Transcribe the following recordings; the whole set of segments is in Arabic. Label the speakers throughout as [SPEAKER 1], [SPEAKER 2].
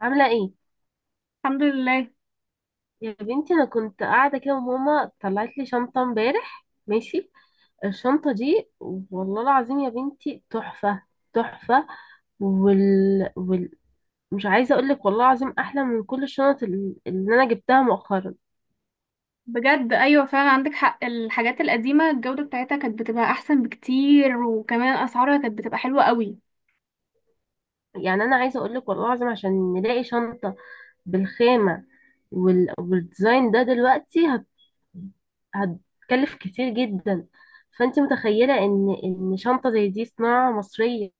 [SPEAKER 1] عاملة ايه؟
[SPEAKER 2] الحمد لله.
[SPEAKER 1] يا بنتي انا كنت قاعدة كده وماما طلعت لي شنطة امبارح ماشي. الشنطة دي والله العظيم يا بنتي تحفة تحفة. وال... وال... مش عايزة اقولك والله العظيم احلى من كل الشنط اللي انا جبتها مؤخرا.
[SPEAKER 2] بجد، ايوه فعلا عندك حق، الحاجات القديمه الجوده بتاعتها كانت بتبقى احسن بكتير، وكمان اسعارها كانت بتبقى حلوه قوي.
[SPEAKER 1] يعني انا عايزة اقولك والله العظيم عشان نلاقي شنطة بالخامة والديزاين ده دلوقتي هتكلف كتير جدا. فانت متخيلة ان شنطة زي دي صناعة مصرية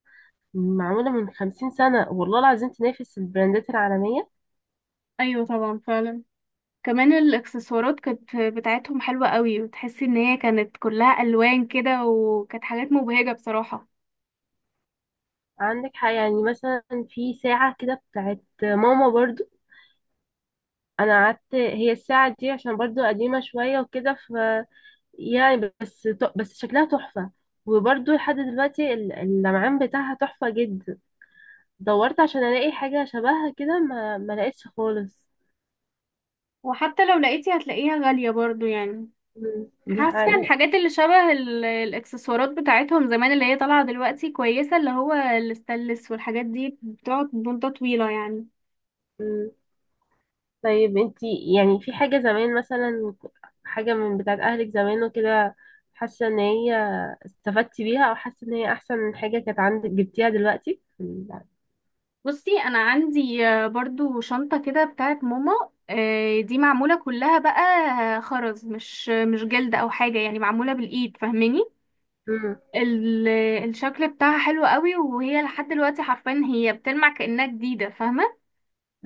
[SPEAKER 1] معمولة من 50 سنة والله العظيم تنافس البراندات العالمية.
[SPEAKER 2] ايوه طبعا فعلا. كمان الاكسسوارات كانت بتاعتهم حلوه قوي، وتحسي ان هي كانت كلها الوان كده، وكانت حاجات مبهجه بصراحه.
[SPEAKER 1] عندك حاجة يعني مثلا، في ساعة كده بتاعت ماما برضو. أنا قعدت هي الساعة دي عشان برضو قديمة شوية وكده ف يعني بس شكلها تحفة. وبرضو لحد دلوقتي اللمعان بتاعها تحفة جدا. دورت عشان ألاقي حاجة شبهها كده ما لقيتش خالص.
[SPEAKER 2] وحتى لو لقيتي هتلاقيها غاليه برضو يعني.
[SPEAKER 1] مم. دي
[SPEAKER 2] حاسه
[SPEAKER 1] حقيقة.
[SPEAKER 2] الحاجات اللي شبه الاكسسوارات بتاعتهم زمان اللي هي طالعه دلوقتي كويسه، اللي هو الستانلس، والحاجات دي بتقعد مده طويله يعني.
[SPEAKER 1] طيب انتي يعني في حاجة زمان مثلا، حاجة من بتاعت أهلك زمان وكده، حاسة ان هي استفدتي بيها أو حاسة ان هي أحسن من حاجة كانت عندك جبتيها دلوقتي؟
[SPEAKER 2] بصي، انا عندي برضو شنطة كده بتاعت ماما. دي معمولة كلها بقى، خرز، مش جلد او حاجة يعني، معمولة بالايد فاهماني. ال- الشكل بتاعها حلو قوي، وهي لحد دلوقتي حرفيا هي بتلمع كأنها جديدة فاهمة.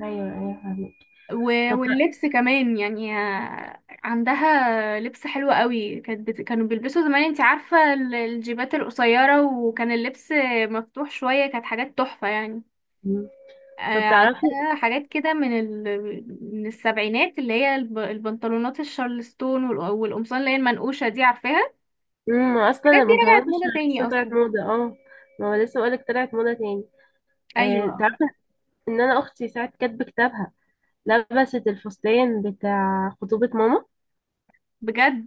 [SPEAKER 1] أيوه أيوه فاهمك.
[SPEAKER 2] و-
[SPEAKER 1] طب تع-
[SPEAKER 2] واللبس كمان يعني، عندها لبس حلو قوي. كانوا بيلبسوا زمان، انتي عارفة الجيبات القصيرة، وكان اللبس مفتوح شوية، كانت حاجات تحفة يعني.
[SPEAKER 1] مم.
[SPEAKER 2] آه،
[SPEAKER 1] طب تعرفي.
[SPEAKER 2] عندها حاجات كده من السبعينات، اللي هي البنطلونات الشارلستون، والقمصان اللي هي المنقوشة دي عارفاها.
[SPEAKER 1] أصلا
[SPEAKER 2] الحاجات دي
[SPEAKER 1] البنطلونات
[SPEAKER 2] رجعت
[SPEAKER 1] مش.
[SPEAKER 2] موضة تاني
[SPEAKER 1] أصلا طلعت
[SPEAKER 2] أصلا.
[SPEAKER 1] موضة اه. ما هو لسه بقولك طلعت موضة تاني. اه
[SPEAKER 2] أيوة
[SPEAKER 1] تعرفي ان أنا أختي ساعة كاتبة كتابها لبست الفستان بتاع خطوبة ماما.
[SPEAKER 2] بجد.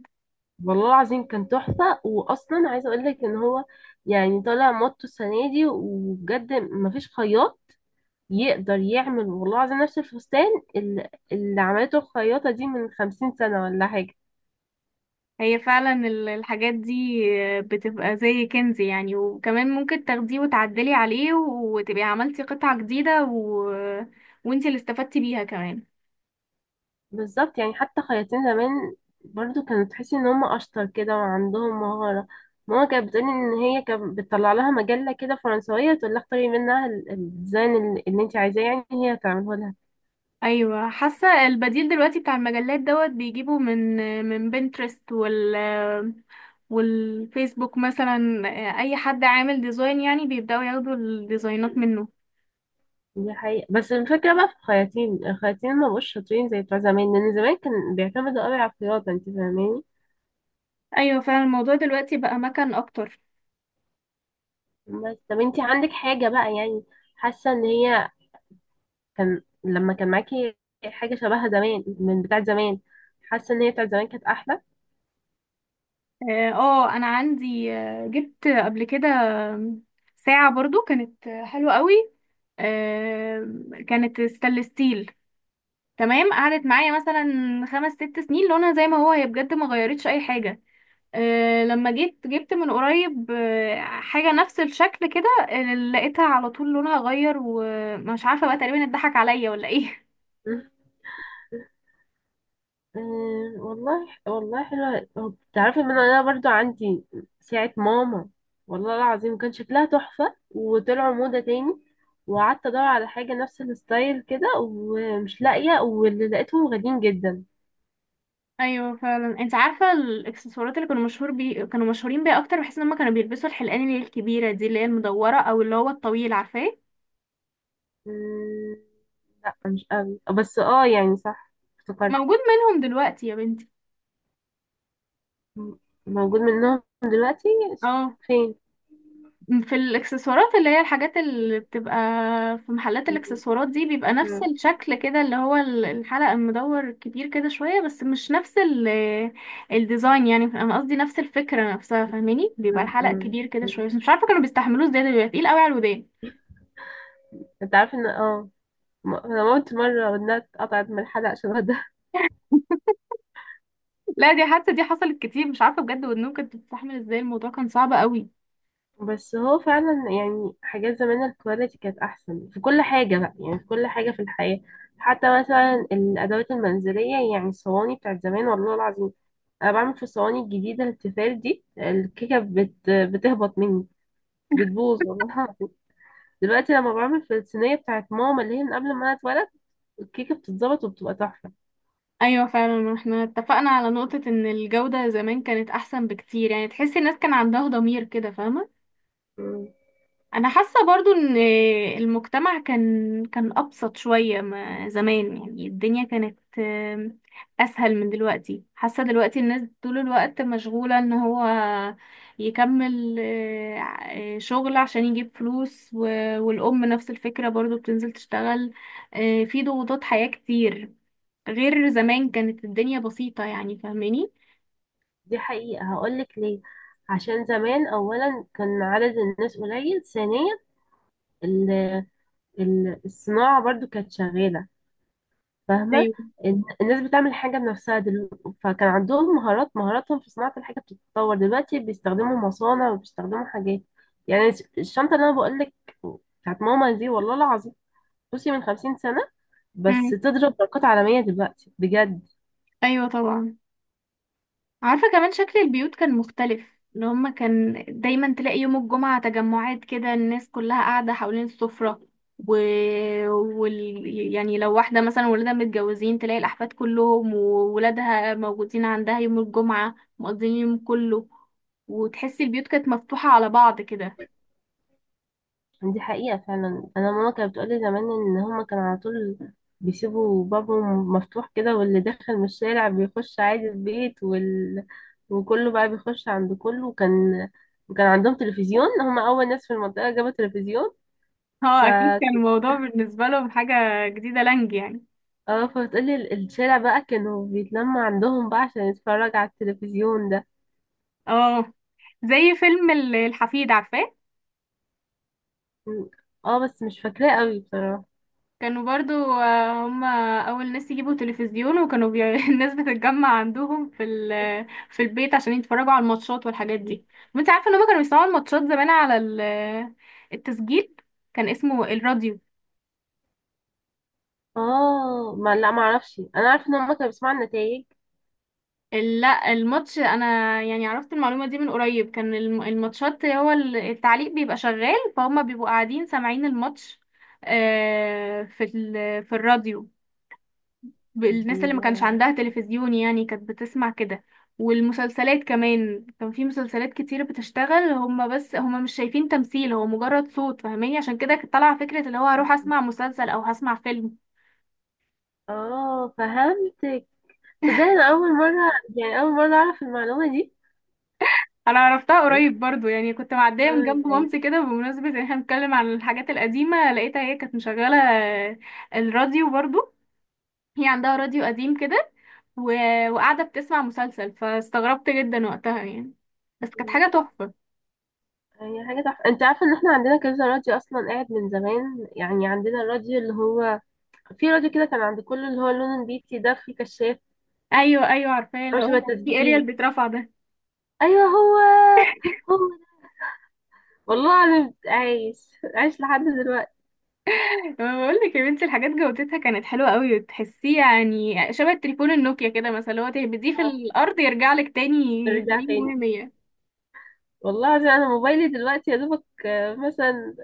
[SPEAKER 1] والله العظيم كان تحفة وأصلا عايزة أقول لك إن هو يعني طالع موضته السنة دي. وبجد مفيش خياط يقدر يعمل والله العظيم نفس الفستان اللي عملته الخياطة دي من 50 سنة ولا حاجة.
[SPEAKER 2] هي فعلا الحاجات دي بتبقى زي كنز يعني، وكمان ممكن تاخديه وتعدلي عليه وتبقي عملتي قطعة جديدة، وانتي اللي استفدتي بيها كمان.
[SPEAKER 1] بالظبط، يعني حتى خياطين زمان برضو كانوا تحسي إن هم أشطر كده وعندهم مهارة. ماما كانت بتقولي إن هي كانت بتطلع لها مجلة كده فرنسوية تقول لها اختاري منها الديزاين اللي انت عايزاه، يعني هي هتعمله.
[SPEAKER 2] ايوه، حاسه البديل دلوقتي بتاع المجلات دوت بيجيبوا من بنترست والفيسبوك مثلا، اي حد عامل ديزاين يعني بيبداوا ياخدوا الديزاينات منه.
[SPEAKER 1] دي حقيقة. بس الفكرة بقى في الخياطين ما بقوش شاطرين زي بتوع زمان، لأن زمان كان بيعتمدوا قوي على الخياطة، انت فاهماني.
[SPEAKER 2] ايوه فعلا، الموضوع دلوقتي بقى مكان اكتر.
[SPEAKER 1] بس طب انت عندك حاجة بقى يعني، حاسة ان هي كان لما كان معاكي حاجة شبهها زمان من بتاعة زمان، حاسة ان هي بتاعة زمان كانت أحلى؟
[SPEAKER 2] اه، انا عندي، جبت قبل كده ساعه برضو كانت حلوه قوي، كانت ستانلس ستيل، تمام، قعدت معايا مثلا خمس ست سنين لونها زي ما هو، هي بجد ما غيرتش اي حاجه. لما جيت جبت من قريب حاجة نفس الشكل كده، لقيتها على طول لونها غير، ومش عارفة بقى تقريبا اتضحك عليا ولا ايه.
[SPEAKER 1] أه والله والله حلوة. هو تعرفي ان انا برضو عندي ساعة ماما، والله العظيم كان شكلها تحفة وطلعوا موضة تاني. وقعدت ادور على حاجة نفس الستايل كده ومش لاقية، واللي لقيتهم غاليين جدا.
[SPEAKER 2] ايوه فعلا. انت عارفة الاكسسوارات اللي كانوا مشهورين بيها اكتر، بحيث ان هم كانوا بيلبسوا الحلقان اللي هي الكبيرة دي، اللي هي المدورة، او اللي هو الطويل عارفاه.
[SPEAKER 1] أمم، لا مش قوي بس اه يعني صح، افتكرت.
[SPEAKER 2] موجود منهم دلوقتي يا بنتي.
[SPEAKER 1] م- موجود منهم دلوقتي
[SPEAKER 2] اه،
[SPEAKER 1] فين؟
[SPEAKER 2] في الاكسسوارات، اللي هي الحاجات اللي بتبقى في محلات الاكسسوارات دي، بيبقى نفس
[SPEAKER 1] أمم،
[SPEAKER 2] الشكل كده، اللي هو الحلقة المدور كبير كده شوية، بس مش نفس الديزاين يعني. انا قصدي نفس الفكرة نفسها فاهماني، بيبقى
[SPEAKER 1] أمم،
[SPEAKER 2] الحلقة
[SPEAKER 1] أمم.
[SPEAKER 2] كبير كده شوية، بس مش عارفة كانوا بيستحملوه ازاي، ده بيبقى تقيل قوي على الودان.
[SPEAKER 1] انت عارف ان انا موت مرة ودنها اتقطعت من الحلقة عشان.
[SPEAKER 2] لا، دي حادثة دي حصلت كتير، مش عارفة بجد ودنهم كانت بتستحمل ازاي، الموضوع كان صعب قوي.
[SPEAKER 1] بس هو فعلا يعني حاجات زمان الكواليتي كانت احسن في كل حاجه بقى، يعني في كل حاجه في الحياه. حتى مثلا الادوات المنزليه، يعني الصواني بتاعت زمان والله العظيم، انا بعمل في الصواني الجديده التيفال دي الكيكه بتهبط مني، بتبوظ والله العظيم. دلوقتي لما بعمل في الصينيه بتاعت ماما اللي هي من قبل ما انا اتولد الكيكه بتتظبط وبتبقى تحفه.
[SPEAKER 2] ايوه فعلا، احنا اتفقنا على نقطة ان الجودة زمان كانت احسن بكتير، يعني تحسي الناس كان عندها ضمير كده فاهمة.
[SPEAKER 1] مم.
[SPEAKER 2] انا حاسه برضو ان المجتمع كان ابسط شويه ما زمان، يعني الدنيا كانت اسهل من دلوقتي. حاسه دلوقتي الناس طول الوقت مشغوله ان هو يكمل شغل عشان يجيب فلوس، والام نفس الفكره برضو بتنزل تشتغل. في ضغوطات حياه كتير، غير زمان كانت الدنيا بسيطه يعني فاهماني.
[SPEAKER 1] دي حقيقة. هقولك ليه. عشان زمان أولا كان عدد الناس قليل، ثانيا الصناعة برضو كانت شغالة، فاهمة.
[SPEAKER 2] ايوه.
[SPEAKER 1] الناس بتعمل حاجة بنفسها، دلوقتي فكان عندهم مهاراتهم في صناعة الحاجة بتتطور. دلوقتي بيستخدموا مصانع وبيستخدموا حاجات. يعني الشنطة اللي أنا بقولك بتاعت ماما دي والله العظيم، بصي، من 50 سنة، بس
[SPEAKER 2] مم.
[SPEAKER 1] تضرب برقات عالمية دلوقتي بجد.
[SPEAKER 2] ايوه طبعا. عارفة كمان شكل البيوت كان مختلف، اللي هما كان دايما تلاقي يوم الجمعة تجمعات كده، الناس كلها قاعدة حوالين السفرة. و... وال... يعني لو واحدة مثلا ولادها متجوزين تلاقي الأحفاد كلهم وولادها موجودين عندها يوم الجمعة مقضيين اليوم كله، وتحسي البيوت كانت مفتوحة على بعض كده.
[SPEAKER 1] دي حقيقة فعلا. أنا ماما كانت بتقولي زمان إن هما كانوا على طول بيسيبوا بابهم مفتوح كده واللي داخل من الشارع بيخش عادي البيت، وكله بقى بيخش عند كله. وكان عندهم تلفزيون، هما أول ناس في المنطقة جابوا تلفزيون ف.
[SPEAKER 2] اه، أكيد كان الموضوع بالنسبة لهم حاجة جديدة لانج يعني.
[SPEAKER 1] اه فبتقولي الشارع بقى كانوا بيتلمع عندهم بقى عشان يتفرج على التلفزيون ده.
[SPEAKER 2] اه، زي فيلم الحفيد عارفاه.
[SPEAKER 1] اه بس مش فاكراه قوي بصراحة.
[SPEAKER 2] كانوا برضو هم اول ناس يجيبوا تلفزيون، الناس بتتجمع عندهم في البيت عشان يتفرجوا على الماتشات والحاجات دي. وانت عارفه ان هم كانوا بيسمعوا الماتشات زمان على ال... التسجيل، كان اسمه الراديو.
[SPEAKER 1] اه ما لا ما اعرفش. انا عارفه ان هما كانوا بيسمعوا النتائج
[SPEAKER 2] لا، الماتش انا يعني عرفت المعلومه دي من قريب، كان الماتشات هو التعليق بيبقى شغال، فهم بيبقوا قاعدين سامعين الماتش، في الراديو.
[SPEAKER 1] دي.
[SPEAKER 2] الناس اللي ما كانش عندها تلفزيون يعني كانت بتسمع كده. والمسلسلات كمان، كان في مسلسلات كتير بتشتغل هما، بس هما مش شايفين تمثيل، هو مجرد صوت فاهماني، عشان كده كانت طالعة فكرة اللي هو هروح اسمع مسلسل او هسمع فيلم.
[SPEAKER 1] اه فهمتك. صدقني انا اول مره، يعني اول مره اعرف المعلومه دي.
[SPEAKER 2] انا عرفتها
[SPEAKER 1] قلت
[SPEAKER 2] قريب برضو يعني، كنت معدية من جنب
[SPEAKER 1] اه.
[SPEAKER 2] مامتي كده، بمناسبة ان احنا بنتكلم عن الحاجات القديمة، لقيتها هي كانت مشغلة الراديو برضو، هي عندها راديو قديم كده، و... وقاعدة بتسمع مسلسل، فاستغربت جدا وقتها يعني، بس كانت حاجة تحفة.
[SPEAKER 1] يعني هي حاجه تحفه. انت عارفه ان احنا عندنا كذا راديو اصلا قاعد من زمان. يعني عندنا الراديو اللي هو، في راديو كده كان عند كله اللي هو لون بيتي ده في كشاف.
[SPEAKER 2] ايوه ايوه عارفاه،
[SPEAKER 1] هو
[SPEAKER 2] اللي
[SPEAKER 1] شبه
[SPEAKER 2] هو كان في اريال
[SPEAKER 1] التسجيل.
[SPEAKER 2] بيترفع ده.
[SPEAKER 1] ايوه هو هو ده. والله العظيم عايش، عايش لحد دلوقتي.
[SPEAKER 2] أنا بقول لك يا بنتي الحاجات جودتها كانت حلوه قوي، وتحسيه يعني شبه التليفون النوكيا كده مثلا، اللي هو تهبديه في
[SPEAKER 1] اه
[SPEAKER 2] الارض يرجع لك تاني
[SPEAKER 1] رجع تاني.
[SPEAKER 2] سليم 100.
[SPEAKER 1] والله العظيم انا موبايلي دلوقتي يا دوبك، مثلا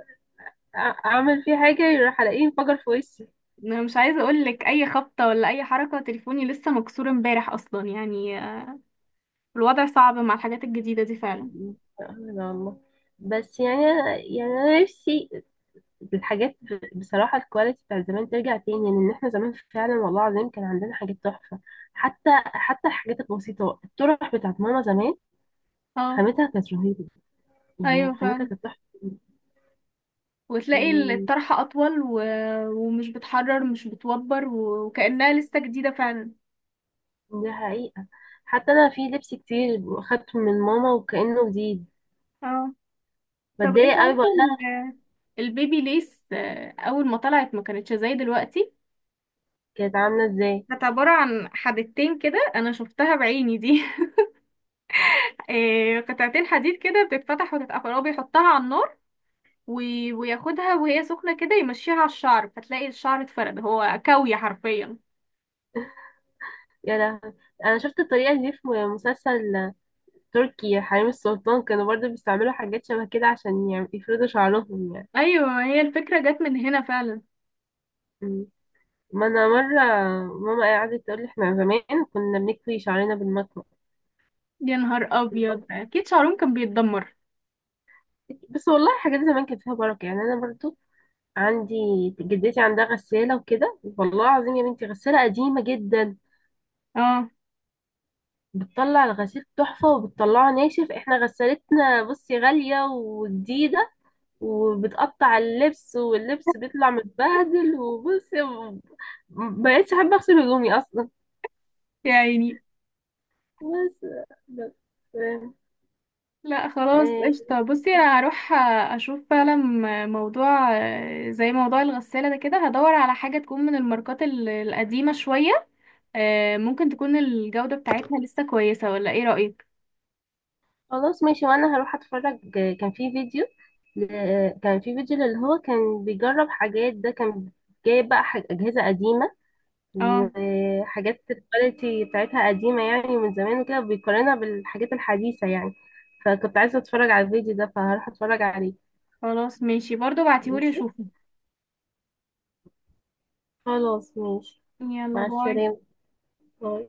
[SPEAKER 1] اعمل فيه حاجه يروح الاقيه انفجر في وشي.
[SPEAKER 2] انا مش عايزه اقول لك، اي خبطه ولا اي حركه تليفوني لسه مكسور امبارح اصلا يعني، الوضع صعب مع الحاجات الجديده دي فعلا.
[SPEAKER 1] سبحان الله. بس يعني يعني انا نفسي الحاجات، بصراحه، الكواليتي بتاع زمان ترجع تاني، لان احنا زمان فعلا والله العظيم كان عندنا حاجات تحفه. حتى الحاجات البسيطه، الطرح بتاعت ماما زمان
[SPEAKER 2] اه،
[SPEAKER 1] خامتها كانت رهيبه، يعني
[SPEAKER 2] ايوه
[SPEAKER 1] خامتها
[SPEAKER 2] فعلا.
[SPEAKER 1] كانت تحفه يعني.
[SPEAKER 2] وتلاقي الطرحه اطول، ومش بتحرر، مش بتوبر، وكانها لسه جديده فعلا.
[SPEAKER 1] دي حقيقه. حتى انا في لبس كتير خدته من ماما وكانه جديد.
[SPEAKER 2] اه، طب انت
[SPEAKER 1] بتضايق قوي بقول
[SPEAKER 2] عارفه
[SPEAKER 1] لها.
[SPEAKER 2] البيبي ليس اول ما طلعت ما كانتش زي دلوقتي.
[SPEAKER 1] كانت عامله ازاي؟
[SPEAKER 2] كانت عبارة عن حدتين كده انا شفتها بعيني دي. قطعتين حديد كده بتتفتح وتتقفل، هو بيحطها على النار وياخدها وهي سخنة كده يمشيها على الشعر، فتلاقي الشعر اتفرد، هو كوي حرفيا.
[SPEAKER 1] يا لهوي، انا شفت الطريقه دي في مسلسل تركي، حريم السلطان، كانوا برضو بيستعملوا حاجات شبه كده، عشان يعني يفردوا شعرهم يعني.
[SPEAKER 2] ايوه، هي الفكرة جت من هنا فعلا.
[SPEAKER 1] مم. ما انا مرة ماما قعدت تقول لي احنا زمان كنا بنكوي شعرنا بالمكوى.
[SPEAKER 2] يا نهار ابيض، اكيد شعرهم كان بيتدمر.
[SPEAKER 1] بس والله حاجات زمان كانت فيها بركة. يعني انا برضو عندي، جدتي عندها غسالة وكده، والله العظيم يا بنتي غسالة قديمة جدا،
[SPEAKER 2] اه
[SPEAKER 1] بتطلع الغسيل تحفة وبتطلعه ناشف. احنا غسالتنا، بصي، غالية وجديدة وبتقطع اللبس، واللبس بيطلع متبهدل، وبصي مبقتش احب اغسل هدومي اصلا.
[SPEAKER 2] يعني.
[SPEAKER 1] بس بس
[SPEAKER 2] لا خلاص،
[SPEAKER 1] آه،
[SPEAKER 2] قشطة. بصي انا هروح اشوف فعلا موضوع زي موضوع الغسالة ده، كده هدور على حاجة تكون من الماركات القديمة شوية، ممكن تكون الجودة بتاعتها لسه كويسة، ولا ايه رأيك؟
[SPEAKER 1] خلاص ماشي وانا هروح اتفرج. كان في فيديو ل- كان في فيديو اللي هو كان بيجرب حاجات ده. كان جايب بقى اجهزه قديمه
[SPEAKER 2] اه
[SPEAKER 1] وحاجات الكواليتي بتاعتها قديمه يعني من زمان، وكده بيقارنها بالحاجات الحديثه يعني. فكنت عايزه اتفرج على الفيديو ده فهروح اتفرج عليه.
[SPEAKER 2] خلاص ماشي، برضو بعتيهولي
[SPEAKER 1] ماشي.
[SPEAKER 2] اشوفه.
[SPEAKER 1] خلاص ماشي.
[SPEAKER 2] يلا
[SPEAKER 1] مع
[SPEAKER 2] باي.
[SPEAKER 1] السلامة. باي.